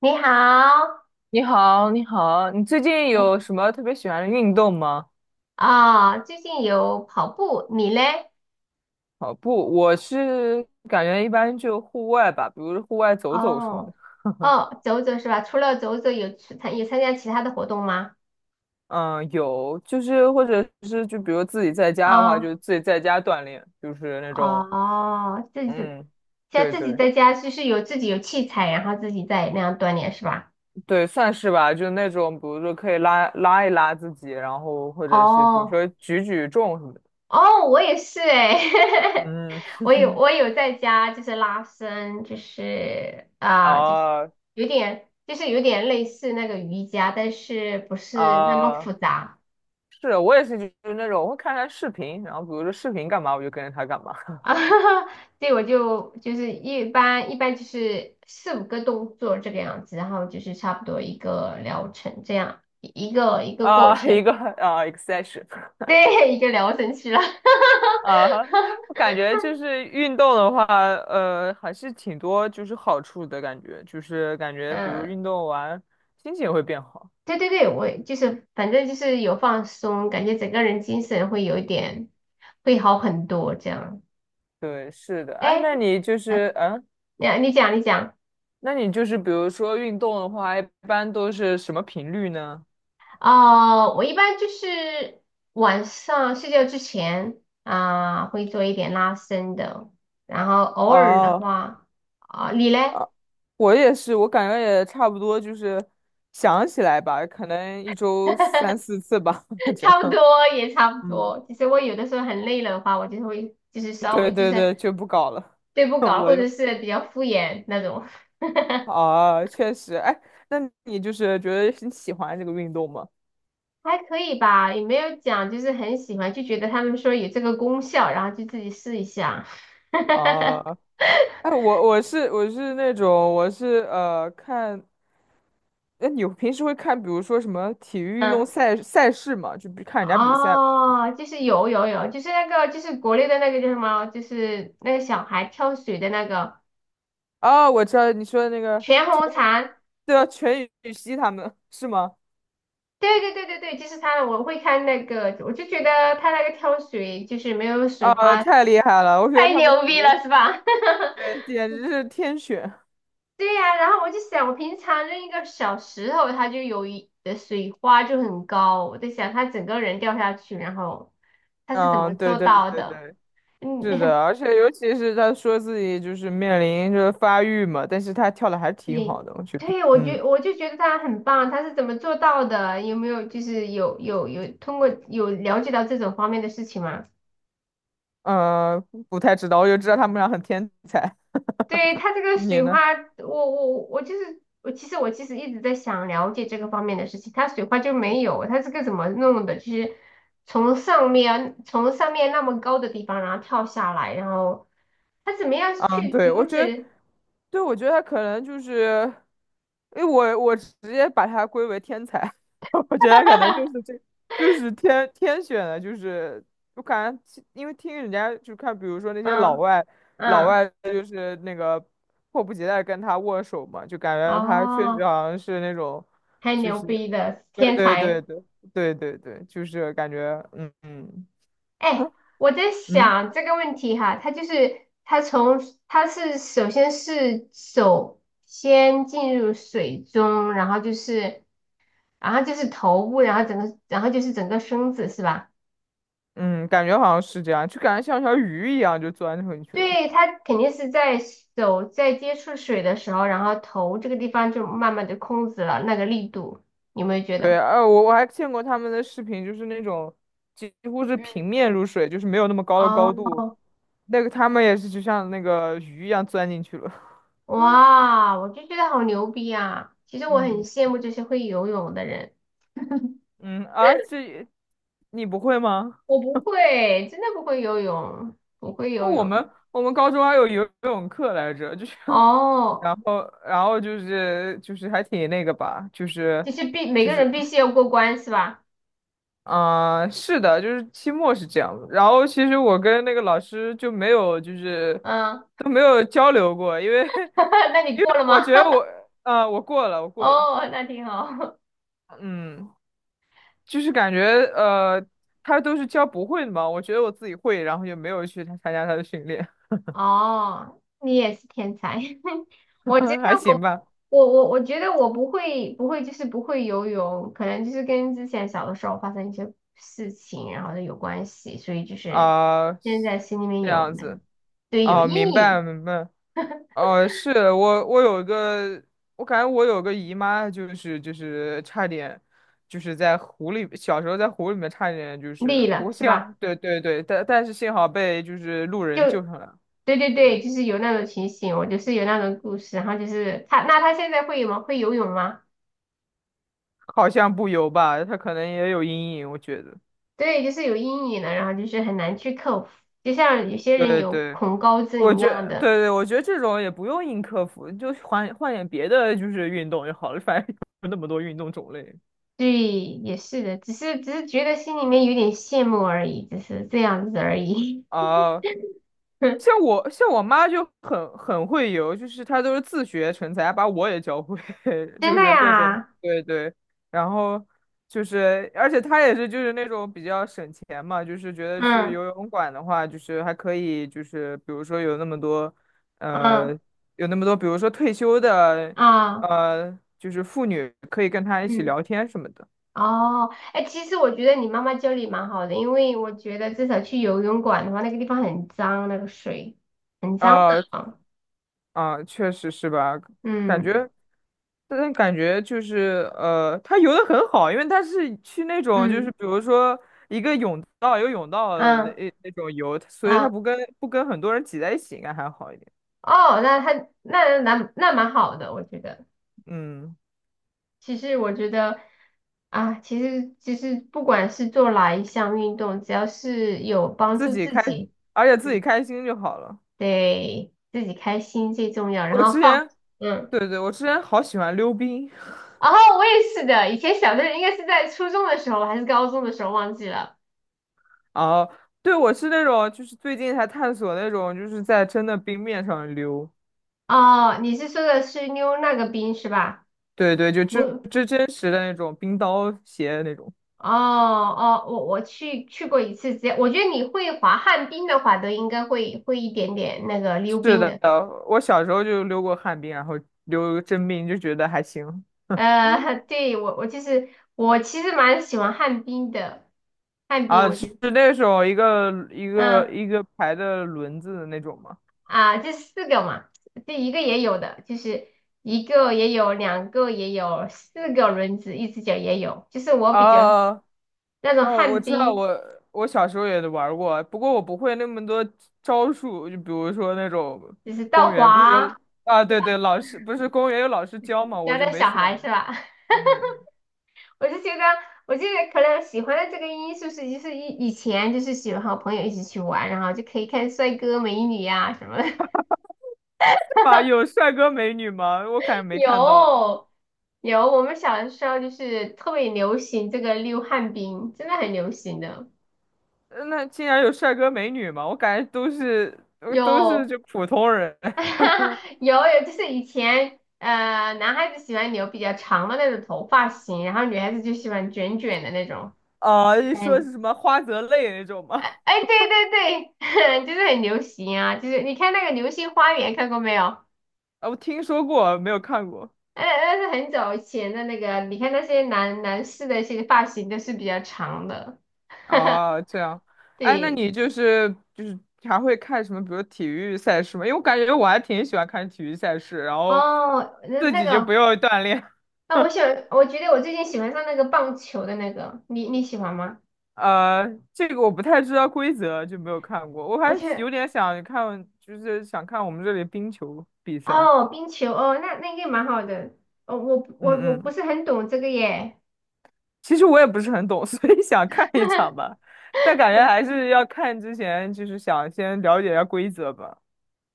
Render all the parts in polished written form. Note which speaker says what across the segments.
Speaker 1: 你好。
Speaker 2: 你好，你好，你最近
Speaker 1: 哦。
Speaker 2: 有什么特别喜欢的运动吗？
Speaker 1: 啊，最近有跑步，你嘞？
Speaker 2: 跑步，我是感觉一般就户外吧，比如户外走走什么的。
Speaker 1: 哦，哦，走走是吧？除了走走，有去参有参加其他的活动吗？
Speaker 2: 嗯，有，就是或者是就比如自己在家的话，
Speaker 1: 哦，
Speaker 2: 就自己在家锻炼，就是那种，
Speaker 1: 哦，自己
Speaker 2: 嗯，
Speaker 1: 在
Speaker 2: 对
Speaker 1: 自己
Speaker 2: 对
Speaker 1: 在家就是自己有器材，然后自己在那样锻炼是吧？
Speaker 2: 对，算是吧，就那种，比如说可以拉拉一拉自己，然后或者是比如
Speaker 1: 哦，
Speaker 2: 说举重什么的。
Speaker 1: 哦，我也是哎。
Speaker 2: 嗯，
Speaker 1: 我有在家就是拉伸，
Speaker 2: 哦
Speaker 1: 有点类似那个瑜伽，但是不是那么
Speaker 2: 哦。
Speaker 1: 复杂。
Speaker 2: 是我也是，就是那种我会看他视频，然后比如说视频干嘛，我就跟着他干嘛
Speaker 1: 啊，对，我就是一般就是四五个动作这个样子，然后就是差不多一个疗程这样，一个一个过
Speaker 2: 啊、一
Speaker 1: 程。
Speaker 2: 个啊、exestion
Speaker 1: 对，一个疗程去了。
Speaker 2: 啊我感觉就是运动的话，还是挺多就是好处的感觉，就是感觉比如
Speaker 1: 嗯，
Speaker 2: 运动完心情也会变好。
Speaker 1: 对对对，我就是反正就是有放松，感觉整个人精神会有一点会好很多这样。
Speaker 2: 对，是的，哎，
Speaker 1: 哎，你讲你讲。
Speaker 2: 那你就是比如说运动的话，一般都是什么频率呢？
Speaker 1: 哦，我一般就是晚上睡觉之前啊，会做一点拉伸的，然后偶尔的
Speaker 2: 哦，
Speaker 1: 话，啊，你嘞？
Speaker 2: 我也是，我感觉也差不多，就是想起来吧，可能一周三 四次吧，这
Speaker 1: 差不
Speaker 2: 样。
Speaker 1: 多也差不
Speaker 2: 嗯，
Speaker 1: 多。其实我有的时候很累了的话，我就会就是稍
Speaker 2: 对
Speaker 1: 微就
Speaker 2: 对
Speaker 1: 是
Speaker 2: 对，就不搞了。
Speaker 1: 对不 搞，
Speaker 2: 我
Speaker 1: 或者
Speaker 2: 又
Speaker 1: 是比较敷衍那种。
Speaker 2: 啊，确实，哎，那你就是觉得你喜欢这个运动吗？
Speaker 1: 还可以吧，也没有讲就是很喜欢，就觉得他们说有这个功效，然后就自己试一下。
Speaker 2: 啊，哎，我是那种看，哎，你平时会看，比如说什么体育运动赛事嘛，就比看人家比赛吗？
Speaker 1: 哦，就是有，就是那个就是国内的那个叫什么，就是那个小孩跳水的那个
Speaker 2: 啊，我知道你说的那个
Speaker 1: 全红
Speaker 2: 全，
Speaker 1: 婵，
Speaker 2: 对啊，全羽西他们是吗？
Speaker 1: 对对对对对，就是他，我会看那个，我就觉得他那个跳水就是没有水
Speaker 2: 啊，
Speaker 1: 花，
Speaker 2: 太厉害了！我觉得
Speaker 1: 太
Speaker 2: 他们
Speaker 1: 牛
Speaker 2: 简
Speaker 1: 逼
Speaker 2: 直
Speaker 1: 了是吧？
Speaker 2: 对，简直是天选。
Speaker 1: 对呀。然后我就想，我平常扔一个小石头，它就有一的水花就很高，我在想他整个人掉下去，然后他是怎么
Speaker 2: 嗯，对
Speaker 1: 做
Speaker 2: 对
Speaker 1: 到
Speaker 2: 对
Speaker 1: 的？
Speaker 2: 对，
Speaker 1: 嗯。
Speaker 2: 是 的，而且尤其是他说自己就是面临着发育嘛，但是他跳的还是挺
Speaker 1: 对，
Speaker 2: 好的，我觉得。
Speaker 1: 对，我
Speaker 2: 嗯
Speaker 1: 觉我就觉得他很棒，他是怎么做到的？有没有就是有通过了解到这种方面的事情吗？
Speaker 2: 呃，不太知道，我就知道他们俩很天才。
Speaker 1: 对，他这个
Speaker 2: 你
Speaker 1: 水花，
Speaker 2: 呢？
Speaker 1: 我其实一直在想了解这个方面的事情，他水花就没有，他这个怎么弄的？就是从上面那么高的地方，然后跳下来，然后他怎么样
Speaker 2: 嗯，
Speaker 1: 去
Speaker 2: 对，
Speaker 1: 阻
Speaker 2: 我觉得，
Speaker 1: 止？
Speaker 2: 对，我觉得他可能就是，因为我直接把他归为天才，我觉得他可能就是这，就是天选的，就是我感觉其因为听人家就看，比如说那些老
Speaker 1: 嗯。
Speaker 2: 外，老
Speaker 1: 嗯，
Speaker 2: 外就是那个迫不及待跟他握手嘛，就感觉他确实
Speaker 1: 哦，
Speaker 2: 好像是那种，
Speaker 1: 太
Speaker 2: 就
Speaker 1: 牛
Speaker 2: 是
Speaker 1: 逼了，
Speaker 2: 对
Speaker 1: 天
Speaker 2: 对
Speaker 1: 才。
Speaker 2: 对对对对对，就是感觉嗯嗯
Speaker 1: 哎，我在
Speaker 2: 嗯。
Speaker 1: 想这个问题哈，它就是它从它是首先是手先进入水中，然后就是头部，然后整个身子是吧？
Speaker 2: 嗯，感觉好像是这样，就感觉像条鱼一样就钻进去了。
Speaker 1: 对，它肯定是在手在接触水的时候，然后头这个地方就慢慢的控制了那个力度，你有没有觉
Speaker 2: 对，
Speaker 1: 得？
Speaker 2: 我还见过他们的视频，就是那种几乎是平
Speaker 1: 嗯，
Speaker 2: 面入水，就是没有那么高的
Speaker 1: 哦，
Speaker 2: 高度，那个他们也是就像那个鱼一样钻进去了。
Speaker 1: 哇，我就觉得好牛逼啊！其实我很
Speaker 2: 嗯，
Speaker 1: 羡慕这些会游泳的人。
Speaker 2: 嗯啊，这你不会吗？
Speaker 1: 我不会，真的不会游泳，不会
Speaker 2: 哦，
Speaker 1: 游
Speaker 2: 我
Speaker 1: 泳。
Speaker 2: 们我们高中还有游泳课来着，就是，
Speaker 1: 哦，
Speaker 2: 然后就是还挺那个吧，就是
Speaker 1: 就是每
Speaker 2: 就
Speaker 1: 个人
Speaker 2: 是
Speaker 1: 必须要过关是吧？
Speaker 2: 啊、是的，就是期末是这样的。然后其实我跟那个老师就没有，就是
Speaker 1: 嗯。
Speaker 2: 都没有交流过，因为
Speaker 1: 那 你
Speaker 2: 因为
Speaker 1: 过了
Speaker 2: 我
Speaker 1: 吗？
Speaker 2: 觉得我，啊、我过了，我 过了，
Speaker 1: 哦，那挺好。
Speaker 2: 嗯，就是感觉呃，他都是教不会的嘛，我觉得我自己会，然后就没有去参加他的训练，
Speaker 1: 哦，你也是天才。我觉得
Speaker 2: 还行
Speaker 1: 我
Speaker 2: 吧，
Speaker 1: 我觉得我不会游泳，可能就是跟之前小的时候发生一些事情，然后呢有关系，所以就是
Speaker 2: 啊、
Speaker 1: 现在心里面
Speaker 2: 这
Speaker 1: 有，
Speaker 2: 样子，
Speaker 1: 对，有
Speaker 2: 哦、
Speaker 1: 阴
Speaker 2: 明白
Speaker 1: 影。
Speaker 2: 明白哦，是我，我有一个，我感觉我有个姨妈，就是差点，就是在湖里，小时候在湖里面差点就
Speaker 1: 累
Speaker 2: 是，不
Speaker 1: 了
Speaker 2: 过
Speaker 1: 是
Speaker 2: 幸好
Speaker 1: 吧？
Speaker 2: 对对对，但是幸好被就是路
Speaker 1: 就
Speaker 2: 人救上来了，
Speaker 1: 对对
Speaker 2: 对，
Speaker 1: 对，就是有那种情形，我就是有那种故事，然后就是他，那他现在会吗？会游泳吗？
Speaker 2: 好像不游吧，她可能也有阴影，我觉得，
Speaker 1: 对，就是有阴影了，然后就是很难去克服，就像有些人
Speaker 2: 对
Speaker 1: 有
Speaker 2: 对，
Speaker 1: 恐高
Speaker 2: 我
Speaker 1: 症一
Speaker 2: 觉
Speaker 1: 样的。
Speaker 2: 对对，我觉得这种也不用硬克服，就换换点别的就是运动就好了，反正 有那么多运动种类
Speaker 1: 对，也是的，只是觉得心里面有点羡慕而已，只是这样子而已。
Speaker 2: 啊。哦 像我妈就很会游，就是她都是自学成才，把我也教会，
Speaker 1: 真
Speaker 2: 就
Speaker 1: 的
Speaker 2: 是各种
Speaker 1: 呀，
Speaker 2: 对对，然后就是而且她也是就是那种比较省钱嘛，就是觉得去
Speaker 1: 嗯。
Speaker 2: 游泳馆的话，就是还可以就是比如说有那么多
Speaker 1: 嗯
Speaker 2: 呃比如说退休的
Speaker 1: 啊
Speaker 2: 就是妇女可以跟她一起
Speaker 1: 嗯。
Speaker 2: 聊天什么的，
Speaker 1: 哦，哎，其实我觉得你妈妈教你蛮好的，因为我觉得至少去游泳馆的话，那个地方很脏，那个水很脏的
Speaker 2: 呃
Speaker 1: 啊。
Speaker 2: 确实是吧？感
Speaker 1: 嗯。
Speaker 2: 觉，但感觉就是他游的很好，因为他是去那种就
Speaker 1: 嗯。
Speaker 2: 是比如说岛游泳道的
Speaker 1: 嗯。
Speaker 2: 那种游，所以他
Speaker 1: 嗯，
Speaker 2: 不跟很多人挤在一起，应该还好一点。
Speaker 1: 哦，那他那那那蛮好的，我觉得。
Speaker 2: 嗯，
Speaker 1: 其实我觉得啊，其实不管是做哪一项运动，只要是有帮
Speaker 2: 自
Speaker 1: 助
Speaker 2: 己
Speaker 1: 自
Speaker 2: 开，
Speaker 1: 己，
Speaker 2: 而且自己
Speaker 1: 嗯，
Speaker 2: 开心就好了。
Speaker 1: 对自己开心最重要，然
Speaker 2: 我
Speaker 1: 后
Speaker 2: 之
Speaker 1: 放。
Speaker 2: 前，
Speaker 1: 嗯。
Speaker 2: 对对，我之前好喜欢溜冰
Speaker 1: 然后我也是的，以前小的应该是在初中的时候还是高中的时候忘记了。
Speaker 2: 啊，对，我是那种就是最近才探索那种就是在真的冰面上溜，
Speaker 1: 哦，你是说的是溜那个冰是吧？
Speaker 2: 对对，就这
Speaker 1: 我
Speaker 2: 这真实的那种冰刀鞋那种。
Speaker 1: 哦哦，我去过一次，直接我觉得你会滑旱冰的话，都应该会会一点点那个溜
Speaker 2: 是
Speaker 1: 冰
Speaker 2: 的，
Speaker 1: 的。
Speaker 2: 我小时候就溜过旱冰，然后溜个真冰，就觉得还行。
Speaker 1: 对我其实蛮喜欢旱冰的，旱冰
Speaker 2: 啊，
Speaker 1: 我
Speaker 2: 是
Speaker 1: 觉得
Speaker 2: 那种一个一个
Speaker 1: 嗯。
Speaker 2: 一个排的轮子的那种吗？
Speaker 1: 啊，这四个嘛，这一个也有的，就是一个也有，两个也有，四个轮子，一只脚也有。就是我比较
Speaker 2: 啊，
Speaker 1: 那种
Speaker 2: 哦，我
Speaker 1: 旱
Speaker 2: 知道，
Speaker 1: 冰，
Speaker 2: 我小时候也玩儿过，不过我不会那么多招数，就比如说那种
Speaker 1: 就是倒
Speaker 2: 公园不是有
Speaker 1: 滑
Speaker 2: 啊，对对，老师不是公园有老师教嘛，我
Speaker 1: 家
Speaker 2: 就
Speaker 1: 的
Speaker 2: 没
Speaker 1: 小孩是
Speaker 2: 选。
Speaker 1: 吧？
Speaker 2: 嗯，
Speaker 1: 我就觉得，我就得可能喜欢的这个因素是，就是以以前就是喜欢和朋友一起去玩，然后就可以看帅哥美女呀，什么的。
Speaker 2: 是吗？有帅哥美女吗？我感觉没看到。
Speaker 1: 有有，我们小的时候就是特别流行这个溜旱冰，真的很流行的。
Speaker 2: 那竟然有帅哥美女吗？我感觉都是
Speaker 1: 有，
Speaker 2: 就普通人
Speaker 1: 有有，就是以前男孩子喜欢留比较长的那种头发型，然后女孩子就喜欢卷卷的那种。
Speaker 2: 啊，
Speaker 1: 就
Speaker 2: 一
Speaker 1: 在
Speaker 2: 说
Speaker 1: 你，
Speaker 2: 是什么花泽类那种吗？
Speaker 1: 哎 哎，对对对，就是很流行啊，就是你看那个《流星花园》看过没有？
Speaker 2: 啊，我听说过，没有看过。
Speaker 1: 那那是很早以前的那个，你看那些男男士的一些发型都是比较长的。
Speaker 2: 哦，这样，哎，那
Speaker 1: 对，
Speaker 2: 你就是还会看什么，比如体育赛事吗？因为我感觉我还挺喜欢看体育赛事，然后
Speaker 1: 哦，那
Speaker 2: 自
Speaker 1: 那
Speaker 2: 己就
Speaker 1: 个，
Speaker 2: 不用锻炼。
Speaker 1: 那我喜欢，我觉得我最近喜欢上那个棒球的那个，你你喜欢吗？
Speaker 2: 呃，这个我不太知道规则，就没有看过。我
Speaker 1: 而
Speaker 2: 还有
Speaker 1: 且。
Speaker 2: 点想看，就是想看我们这里冰球比赛。
Speaker 1: 哦，冰球哦，那那个蛮好的。哦，我
Speaker 2: 嗯
Speaker 1: 我我不
Speaker 2: 嗯
Speaker 1: 是很懂这个耶。
Speaker 2: 其实我也不是很懂，所以想看一场吧，但感觉还是要看之前，就是想先了解一下规则吧。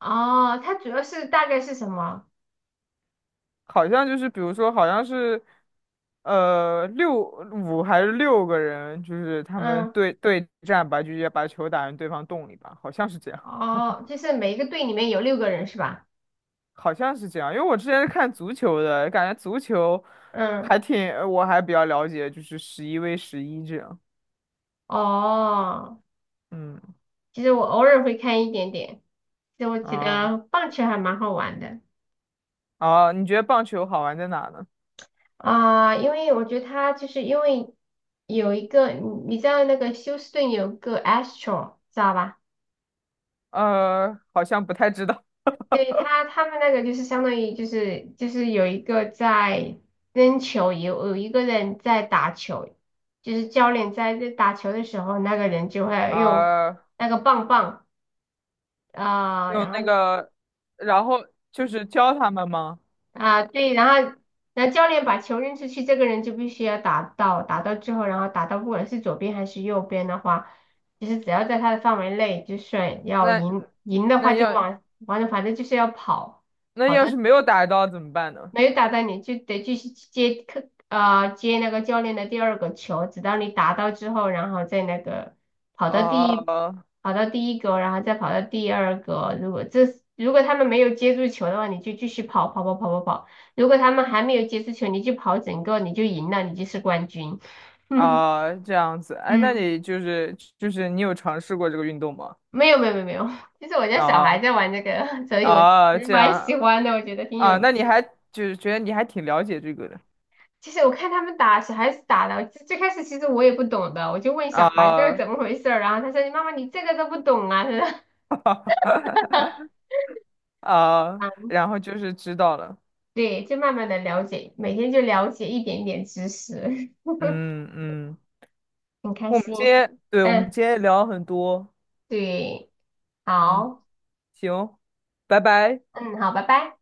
Speaker 1: 哦，它主要是大概是什么？
Speaker 2: 好像就是，比如说，好像是，六五还是六个人，就是他们
Speaker 1: 嗯，
Speaker 2: 对战吧，就直接把球打进对方洞里吧，好像是这样，
Speaker 1: 哦，就是每一个队里面有六个人是吧？
Speaker 2: 好像是这样。因为我之前是看足球的，感觉足球
Speaker 1: 嗯，
Speaker 2: 还挺，我还比较了解，就是11v11这样。
Speaker 1: 哦，
Speaker 2: 嗯，
Speaker 1: 其实我偶尔会看一点点。就我觉
Speaker 2: 啊
Speaker 1: 得棒球还蛮好玩的
Speaker 2: 啊，你觉得棒球好玩在哪呢？
Speaker 1: 啊，因为我觉得它就是因为有一个，你知道那个休斯顿有个 Astro 知道吧？
Speaker 2: 好像不太知道。
Speaker 1: 对他，他们那个就是相当于就是有一个在扔球，有一个人在打球，就是教练在打球的时候，那个人就会用
Speaker 2: 啊、
Speaker 1: 那个棒棒啊，
Speaker 2: 用
Speaker 1: 然
Speaker 2: 那
Speaker 1: 后
Speaker 2: 个，然后就是教他们吗？
Speaker 1: 啊，对，然后然后教练把球扔出去，这个人就必须要打到，打到之后，然后打到不管是左边还是右边的话，就是只要在他的范围内就算要
Speaker 2: 那
Speaker 1: 赢，赢的
Speaker 2: 那
Speaker 1: 话就
Speaker 2: 要
Speaker 1: 往反正就是要跑。
Speaker 2: 那
Speaker 1: 跑
Speaker 2: 要是没有打到怎么办呢？
Speaker 1: 没有打到你，就得继续接客，接那个教练的第二个球，直到你打到之后，然后再那个跑到第一，
Speaker 2: 哦
Speaker 1: 跑到第一个，然后再跑到第二个。如果他们没有接住球的话，你就继续跑跑跑跑跑跑。如果他们还没有接住球，你就跑整个，你就赢了，你就是冠军。
Speaker 2: 啊、这样子，哎，那
Speaker 1: 嗯，
Speaker 2: 你就是就是你有尝试过这个运动吗？
Speaker 1: 没有没有没有没有，就是我家小
Speaker 2: 啊
Speaker 1: 孩在玩这个，所以我
Speaker 2: 啊，
Speaker 1: 就
Speaker 2: 这
Speaker 1: 蛮喜
Speaker 2: 样
Speaker 1: 欢的，我觉得挺有
Speaker 2: 啊，那你
Speaker 1: 趣
Speaker 2: 还
Speaker 1: 的。
Speaker 2: 就是觉得你还挺了解这个的
Speaker 1: 其实我看他们打小孩子打的，最最开始其实我也不懂的，我就问小孩这是
Speaker 2: 啊
Speaker 1: 怎么回事儿，然后他说你妈妈你这个都不懂啊，他说
Speaker 2: 啊，
Speaker 1: 啊，
Speaker 2: 然后就是知道了，
Speaker 1: 对，就慢慢的了解，每天就了解一点点知识。
Speaker 2: 嗯嗯，
Speaker 1: 很开心。
Speaker 2: 我们
Speaker 1: 嗯，
Speaker 2: 今天聊了很多，
Speaker 1: 对，
Speaker 2: 嗯。
Speaker 1: 好，
Speaker 2: 行，拜拜。
Speaker 1: 嗯，好，拜拜。